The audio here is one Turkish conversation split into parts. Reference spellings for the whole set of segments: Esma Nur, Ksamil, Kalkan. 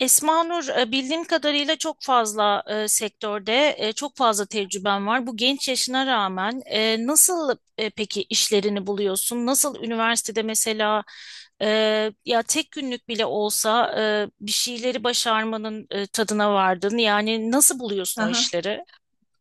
Esma Nur, bildiğim kadarıyla çok fazla sektörde çok fazla tecrüben var. Bu genç yaşına rağmen nasıl peki işlerini buluyorsun? Nasıl üniversitede mesela e, ya tek günlük bile olsa bir şeyleri başarmanın tadına vardın? Yani nasıl buluyorsun o Aha. işleri?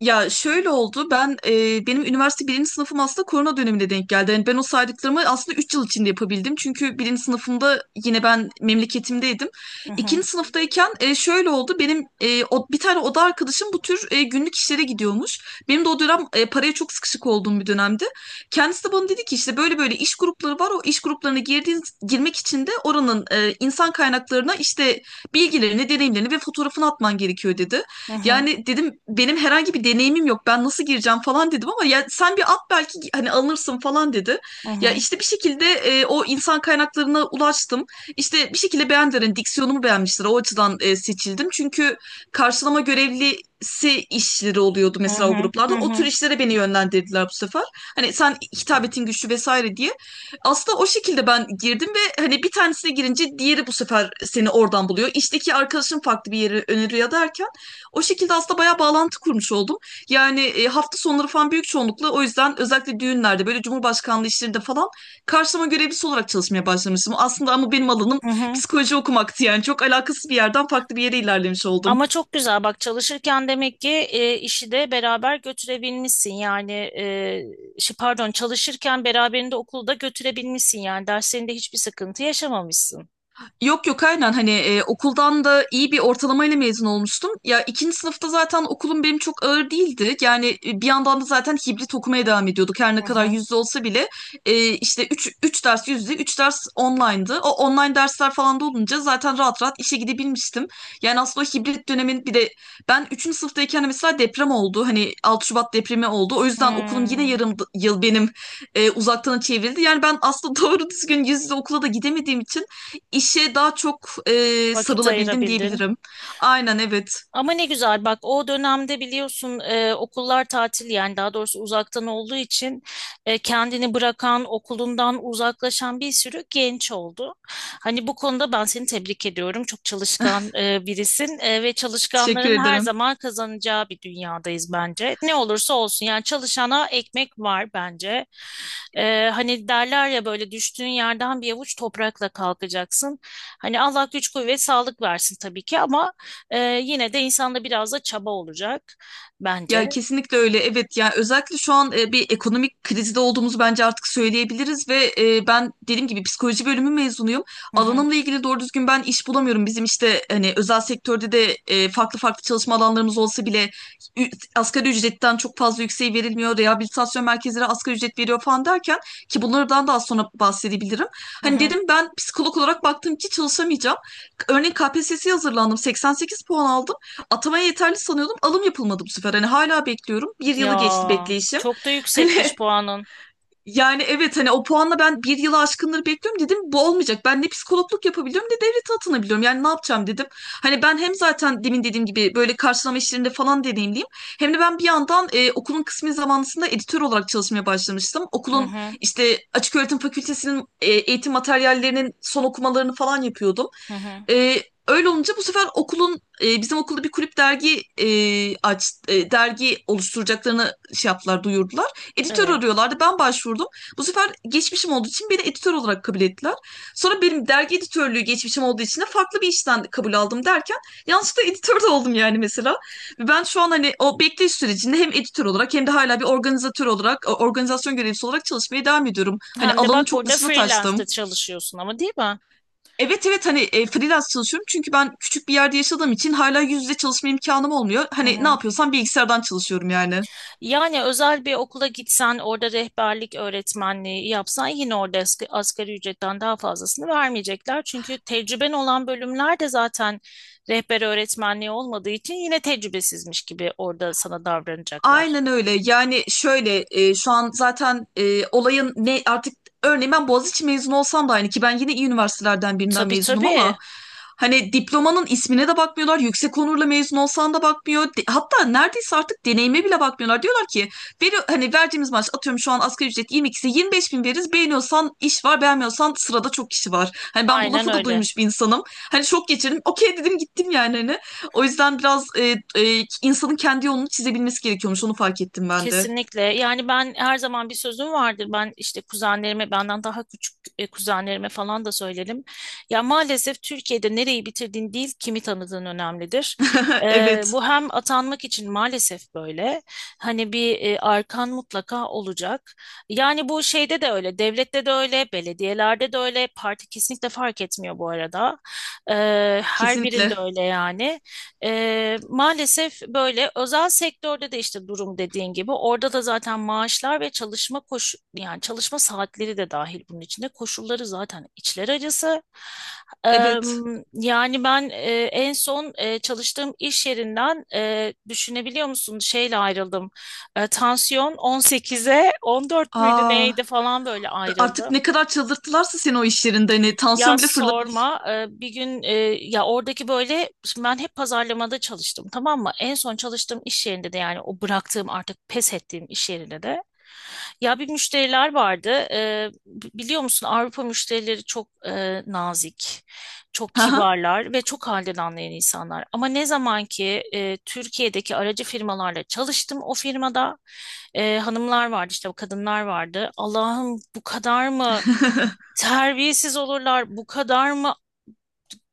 Ya şöyle oldu, ben benim üniversite birinci sınıfım aslında korona dönemine denk geldi. Yani ben o saydıklarımı aslında 3 yıl içinde yapabildim. Çünkü birinci sınıfımda yine ben memleketimdeydim. Hı hı, İkinci sınıftayken şöyle oldu, benim bir tane oda arkadaşım bu tür günlük işlere gidiyormuş. Benim de o dönem paraya çok sıkışık olduğum bir dönemdi. Kendisi de bana dedi ki işte böyle böyle iş grupları var. O iş gruplarına girdiğin, girmek için de oranın insan kaynaklarına işte bilgilerini, deneyimlerini ve fotoğrafını atman gerekiyor dedi. hı hı, Yani dedim, benim herhangi bir deneyimim yok. Ben nasıl gireceğim falan dedim, ama ya sen bir at, belki hani alınırsın falan dedi. hı Ya hı, işte bir şekilde o insan kaynaklarına ulaştım. İşte bir şekilde beğendiler. Hani diksiyonumu beğenmişler. O açıdan seçildim. Çünkü karşılama görevlisi işleri oluyordu hı mesela o hı, hı gruplarda. O tür hı, işlere beni yönlendirdiler bu sefer. Hani sen hitabetin güçlü vesaire diye. Aslında o şekilde ben girdim ve hani bir tanesine girince diğeri bu sefer seni oradan buluyor. İşteki arkadaşın farklı bir yeri öneriyor derken o şekilde aslında bayağı bağlantı kurmuş oldum. Yani hafta sonları falan büyük çoğunlukla o yüzden, özellikle düğünlerde, böyle Cumhurbaşkanlığı işlerinde falan karşılama görevlisi olarak çalışmaya başlamıştım. Aslında ama benim alanım hı hı. psikoloji okumaktı, yani çok alakasız bir yerden farklı bir yere ilerlemiş oldum. Ama çok güzel bak, çalışırken demek ki işi de beraber götürebilmişsin, yani şey, pardon, çalışırken beraberinde okulu da götürebilmişsin, yani derslerinde hiçbir sıkıntı yaşamamışsın. Yok yok, aynen, hani okuldan da iyi bir ortalamayla mezun olmuştum. Ya ikinci sınıfta zaten okulum benim çok ağır değildi. Yani bir yandan da zaten hibrit okumaya devam ediyorduk. Her Hı ne kadar hı. yüzde olsa bile işte üç ders yüzde, 3 ders online'dı. O online dersler falan da olunca zaten rahat rahat işe gidebilmiştim. Yani aslında o hibrit dönemin bir de ben üçüncü sınıftayken de mesela deprem oldu. Hani 6 Şubat depremi oldu. O yüzden okulum yine Hmm. yarım yıl benim uzaktan çevrildi. Yani ben aslında doğru düzgün yüz yüze okula da gidemediğim için İşe daha çok Vakit sarılabildim ayırabildin. diyebilirim. Aynen evet. Ama ne güzel, bak o dönemde biliyorsun okullar tatil, yani daha doğrusu uzaktan olduğu için kendini bırakan, okulundan uzaklaşan bir sürü genç oldu. Hani bu konuda ben seni tebrik ediyorum. Çok çalışkan birisin ve Teşekkür çalışkanların her ederim. zaman kazanacağı bir dünyadayız bence. Ne olursa olsun, yani çalışana ekmek var bence. Hani derler ya, böyle düştüğün yerden bir avuç toprakla kalkacaksın. Hani Allah güç kuvvet sağlık versin tabii ki, ama ee, yine de insanda biraz da çaba olacak bence. Ya kesinlikle öyle. Evet, yani özellikle şu an bir ekonomik krizde olduğumuzu bence artık söyleyebiliriz ve ben dediğim gibi psikoloji bölümü mezunuyum. Hı hı, Alanımla ilgili doğru düzgün ben iş bulamıyorum. Bizim işte hani özel sektörde de farklı farklı çalışma alanlarımız olsa bile ü- asgari ücretten çok fazla yükseği verilmiyor. Rehabilitasyon merkezleri asgari ücret veriyor falan derken, ki bunlardan daha sonra bahsedebilirim. hı Hani hı. dedim ben psikolog olarak baktım ki çalışamayacağım. Örneğin KPSS'ye hazırlandım. 88 puan aldım. Atamaya yeterli sanıyordum. Alım yapılmadı bu sefer. Hani hala bekliyorum. Bir yılı geçti Ya bekleyişim. çok da yüksekmiş Hani puanın. yani evet, hani o puanla ben bir yılı aşkınları bekliyorum, dedim bu olmayacak. Ben ne psikologluk yapabiliyorum ne devlete atanabiliyorum. Yani ne yapacağım dedim. Hani ben hem zaten demin dediğim gibi böyle karşılama işlerinde falan deneyimliyim. Hem de ben bir yandan okulun kısmi zamanlısında editör olarak çalışmaya başlamıştım. Hı Okulun hı, işte açık öğretim fakültesinin eğitim materyallerinin son okumalarını falan yapıyordum. hı hı. E, Öyle olunca bu sefer okulun bizim okulda bir kulüp dergi dergi oluşturacaklarını şey yaptılar, duyurdular. Editör Evet. arıyorlardı. Ben başvurdum. Bu sefer geçmişim olduğu için beni editör olarak kabul ettiler. Sonra benim dergi editörlüğü geçmişim olduğu için de farklı bir işten kabul aldım derken yanlışlıkla editör de oldum yani mesela. Ben şu an hani o bekleyiş sürecinde hem editör olarak hem de hala bir organizatör olarak, organizasyon görevlisi olarak çalışmaya devam ediyorum. Hani Hem de alanın bak, çok burada dışına freelance'da taştım. çalışıyorsun ama, değil mi? Evet evet, hani freelance çalışıyorum çünkü ben küçük bir yerde yaşadığım için hala yüz yüze çalışma imkanım olmuyor. Hı Hani ne hı. yapıyorsam bilgisayardan çalışıyorum yani. Yani özel bir okula gitsen, orada rehberlik öğretmenliği yapsan, yine orada asgari ücretten daha fazlasını vermeyecekler. Çünkü tecrüben olan bölümler de zaten rehber öğretmenliği olmadığı için yine tecrübesizmiş gibi orada sana davranacaklar. Aynen öyle. Yani şöyle şu an zaten olayın ne artık, örneğin ben Boğaziçi mezunu olsam da aynı, ki ben yine iyi üniversitelerden birinden Tabii mezunum ama tabii. hani diplomanın ismine de bakmıyorlar. Yüksek onurla mezun olsan da bakmıyor. Hatta neredeyse artık deneyime bile bakmıyorlar. Diyorlar ki veri, hani verdiğimiz maaş, atıyorum şu an asgari ücret 22'si 25 bin veririz. Beğeniyorsan iş var, beğenmiyorsan sırada çok kişi var. Hani ben bu Aynen lafı da öyle. duymuş bir insanım. Hani şok geçirdim. Okey dedim gittim yani hani. O yüzden biraz insanın kendi yolunu çizebilmesi gerekiyormuş. Onu fark ettim ben de. Kesinlikle. Yani ben her zaman bir sözüm vardır. Ben işte kuzenlerime, benden daha küçük kuzenlerime falan da söylerim. Ya maalesef Türkiye'de nereyi bitirdiğin değil, kimi tanıdığın önemlidir. Evet, Bu hem atanmak için maalesef böyle. Hani bir arkan mutlaka olacak. Yani bu şeyde de öyle, devlette de öyle, belediyelerde de öyle. Parti kesinlikle fark etmiyor bu arada. Her kesinlikle. birinde öyle yani. Maalesef böyle özel sektörde de işte durum dediğin gibi, orada da zaten maaşlar ve çalışma yani çalışma saatleri de dahil bunun içinde, koşulları zaten içler acısı. Eee, Evet. Yani ben en son çalıştığım iş yerinden, düşünebiliyor musun, şeyle ayrıldım. Tansiyon 18'e 14 müydü Aa, neydi falan, böyle artık ne ayrıldım. kadar çıldırttılarsa seni o iş yerinde, hani Ya tansiyon bile fırlamış. sorma. Bir gün ya oradaki, böyle şimdi ben hep pazarlamada çalıştım, tamam mı? En son çalıştığım iş yerinde de, yani o bıraktığım, artık pes ettiğim iş yerinde de, ya bir müşteriler vardı. Biliyor musun, Avrupa müşterileri çok nazik, çok Haha. kibarlar ve çok halden anlayan insanlar. Ama ne zaman ki Türkiye'deki aracı firmalarla çalıştım, o firmada hanımlar vardı, işte o kadınlar vardı. Allah'ım, bu kadar mı terbiyesiz olurlar, bu kadar mı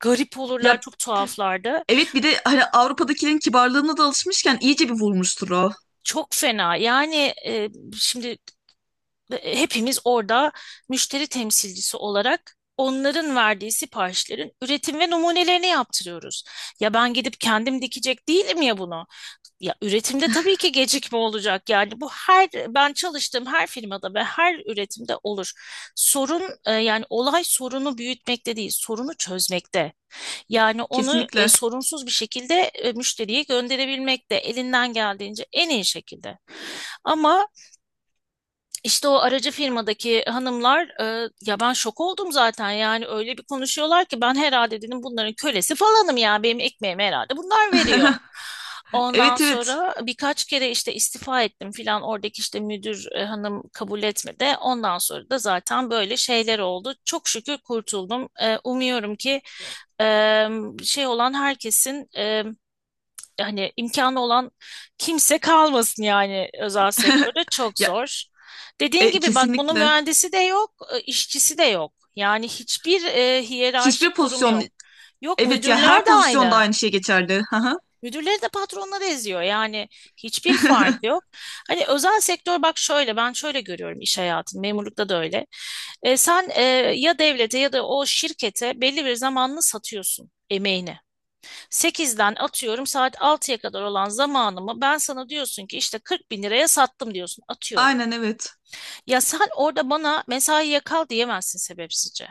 garip olurlar, Ya çok tuhaflardı. evet, bir de hani Avrupa'dakilerin kibarlığına da alışmışken iyice bir vurmuştur o. Çok fena. Yani şimdi hepimiz orada müşteri temsilcisi olarak onların verdiği siparişlerin üretim ve numunelerini yaptırıyoruz. Ya ben gidip kendim dikecek değilim ya bunu. Ya üretimde tabii ki gecikme olacak. Yani bu, her ben çalıştığım her firmada ve her üretimde olur. Sorun yani olay, sorunu büyütmekte değil, sorunu çözmekte. Yani onu Kesinlikle. sorunsuz bir şekilde müşteriye gönderebilmek de elinden geldiğince en iyi şekilde. Ama işte o aracı firmadaki hanımlar ya ben şok oldum zaten, yani öyle bir konuşuyorlar ki ben herhalde dedim bunların kölesi falanım, ya benim ekmeğimi herhalde bunlar veriyor. Ondan Evet evet. sonra birkaç kere işte istifa ettim filan, oradaki işte müdür hanım kabul etmedi. Ondan sonra da zaten böyle şeyler oldu. Çok şükür kurtuldum. Umuyorum ki e, şey olan herkesin, hani imkanı olan kimse kalmasın, yani özel sektörde çok Ya zor. Dediğin gibi bak, bunun kesinlikle. mühendisi de yok, işçisi de yok. Yani hiçbir Hiçbir hiyerarşik durumu pozisyon yok. Yok, evet, ya müdürler her de pozisyonda aynı. aynı şey geçerli. Hı hı. Müdürleri de patronları eziyor. Yani hiçbir fark yok. Hani özel sektör, bak şöyle, ben şöyle görüyorum iş hayatını. Memurlukta da öyle. Sen ya devlete ya da o şirkete belli bir zamanını satıyorsun, emeğini. 8'den atıyorum, saat 6'ya kadar olan zamanımı ben sana diyorsun ki işte 40 bin liraya sattım, diyorsun, atıyorum. Aynen evet. Ya sen orada bana mesaiye kal diyemezsin sebepsizce.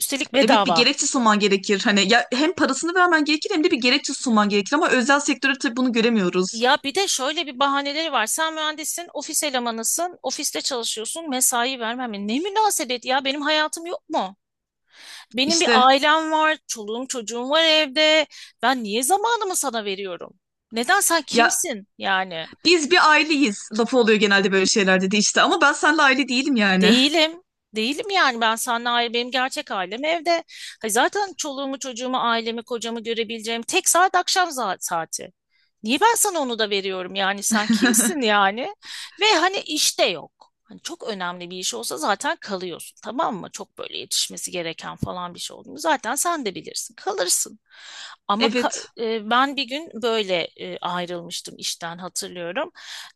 Üstelik Evet, bir bedava. gerekçe sunman gerekir. Hani ya hem parasını vermen gerekir hem de bir gerekçe sunman gerekir ama özel sektörde tabii bunu göremiyoruz. Ya bir de şöyle bir bahaneleri var. Sen mühendissin, ofis elemanısın, ofiste çalışıyorsun, mesai vermem. Ne münasebet, ya benim hayatım yok mu? Benim bir İşte ailem var, çoluğum çocuğum var evde. Ben niye zamanımı sana veriyorum? Neden, sen ya kimsin yani? biz bir aileyiz lafı oluyor genelde böyle şeylerde de işte, ama ben seninle aile değilim yani. Değilim. Değilim, yani ben seninle ayrı, benim gerçek ailem evde. Hayır, zaten çoluğumu çocuğumu ailemi kocamı görebileceğim tek saat akşam saati. Niye ben sana onu da veriyorum, yani sen kimsin yani? Ve hani işte yok. Hani çok önemli bir iş olsa zaten kalıyorsun, tamam mı? Çok böyle yetişmesi gereken falan bir şey oldu mu zaten, sen de bilirsin, kalırsın. Ama Evet. Ben bir gün böyle ayrılmıştım işten, hatırlıyorum.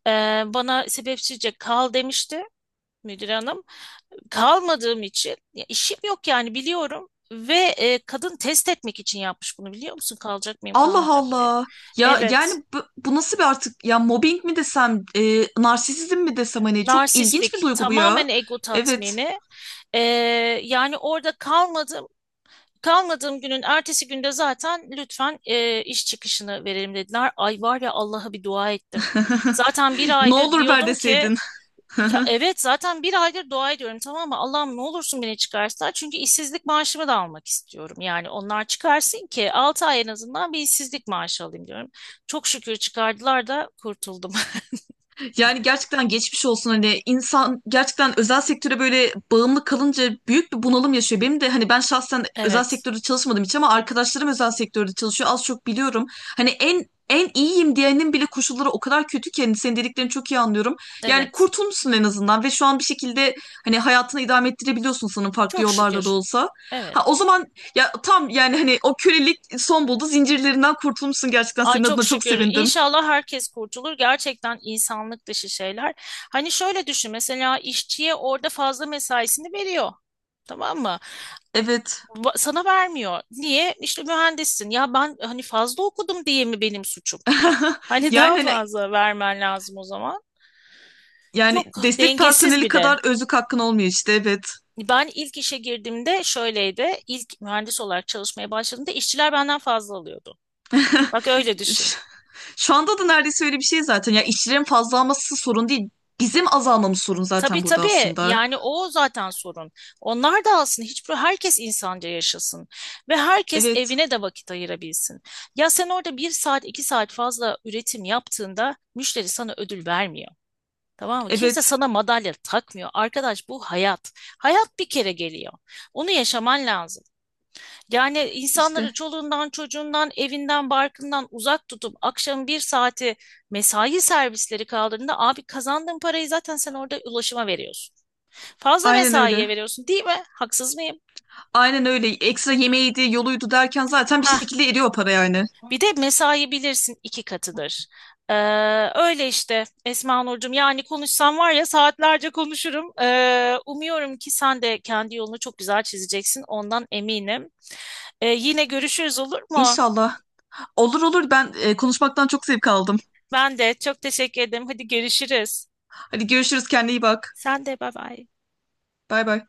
E, Bana sebepsizce kal demişti müdür hanım, kalmadığım için, ya işim yok yani biliyorum, ve kadın test etmek için yapmış bunu, biliyor musun? Kalacak mıyım, Allah kalmayacak mı diye. Allah. Ya Evet. yani bu, bu nasıl bir artık, ya mobbing mi desem, narsisizm mi desem, hani çok ilginç bir Narsistlik, duygu bu ya. tamamen ego Evet. tatmini. E, Yani orada kalmadım, kalmadığım günün ertesi günde zaten lütfen iş çıkışını verelim dediler. Ay, var ya, Allah'a bir dua ettim. Zaten bir Ne aydır olur ver diyordum ki, deseydin. ya evet, zaten bir aydır dua ediyorum, tamam mı? Allah'ım ne olursun beni çıkarsa. Çünkü işsizlik maaşımı da almak istiyorum. Yani onlar çıkarsın ki 6 ay en azından bir işsizlik maaşı alayım diyorum. Çok şükür çıkardılar da kurtuldum. Yani gerçekten geçmiş olsun, hani insan gerçekten özel sektöre böyle bağımlı kalınca büyük bir bunalım yaşıyor. Benim de hani, ben şahsen özel Evet, sektörde çalışmadım hiç ama arkadaşlarım özel sektörde çalışıyor, az çok biliyorum. Hani en en iyiyim diyenin bile koşulları o kadar kötü ki, hani senin dediklerini çok iyi anlıyorum. Yani evet. kurtulmuşsun en azından ve şu an bir şekilde hani hayatını idame ettirebiliyorsun sanırım, farklı Çok yollarla da şükür. olsa. Evet. Ha o zaman ya tam, yani hani o kölelik son buldu, zincirlerinden kurtulmuşsun, gerçekten Ay senin çok adına çok şükür. sevindim. İnşallah herkes kurtulur. Gerçekten insanlık dışı şeyler. Hani şöyle düşün, mesela işçiye orada fazla mesaisini veriyor. Tamam mı? Evet. Sana vermiyor. Niye? İşte mühendissin. Ya ben hani fazla okudum diye mi benim suçum? Hani Yani daha hani fazla vermen lazım o zaman. Çok yani destek dengesiz personeli bir de. kadar özlük hakkın olmuyor işte, evet. Ben ilk işe girdiğimde şöyleydi. İlk mühendis olarak çalışmaya başladığımda işçiler benden fazla alıyordu. Bak öyle düşün. Ş- şu anda da neredeyse öyle bir şey zaten. Ya işçilerin fazla alması sorun değil. Bizim azalmamız sorun Tabii zaten burada tabii, aslında. yani o zaten sorun. Onlar da alsın. Hiçbir, herkes insanca yaşasın ve herkes Evet, evine de vakit ayırabilsin. Ya sen orada bir saat iki saat fazla üretim yaptığında müşteri sana ödül vermiyor. Tamam mı? Kimse evet sana madalya takmıyor. Arkadaş, bu hayat. Hayat bir kere geliyor. Onu yaşaman lazım. Yani işte. insanları çoluğundan, çocuğundan, evinden, barkından uzak tutup akşam bir saati mesai servisleri kaldığında, abi kazandığın parayı zaten sen orada ulaşıma veriyorsun. Fazla Aynen öyle. mesaiye veriyorsun, değil mi? Haksız mıyım? Aynen öyle. Ekstra yemeğiydi, yoluydu derken zaten bir Ha? şekilde eriyor o para yani. Bir de mesai bilirsin iki katıdır. Ee, Öyle işte Esma Nurcuğum. Yani konuşsam var ya, saatlerce konuşurum. Umuyorum ki sen de kendi yolunu çok güzel çizeceksin. Ondan eminim. Yine görüşürüz, olur mu? İnşallah. Olur olur, ben konuşmaktan çok zevk aldım. Ben de çok teşekkür ederim. Hadi görüşürüz. Hadi görüşürüz, kendine iyi bak. Sen de bay bay. Bay bay.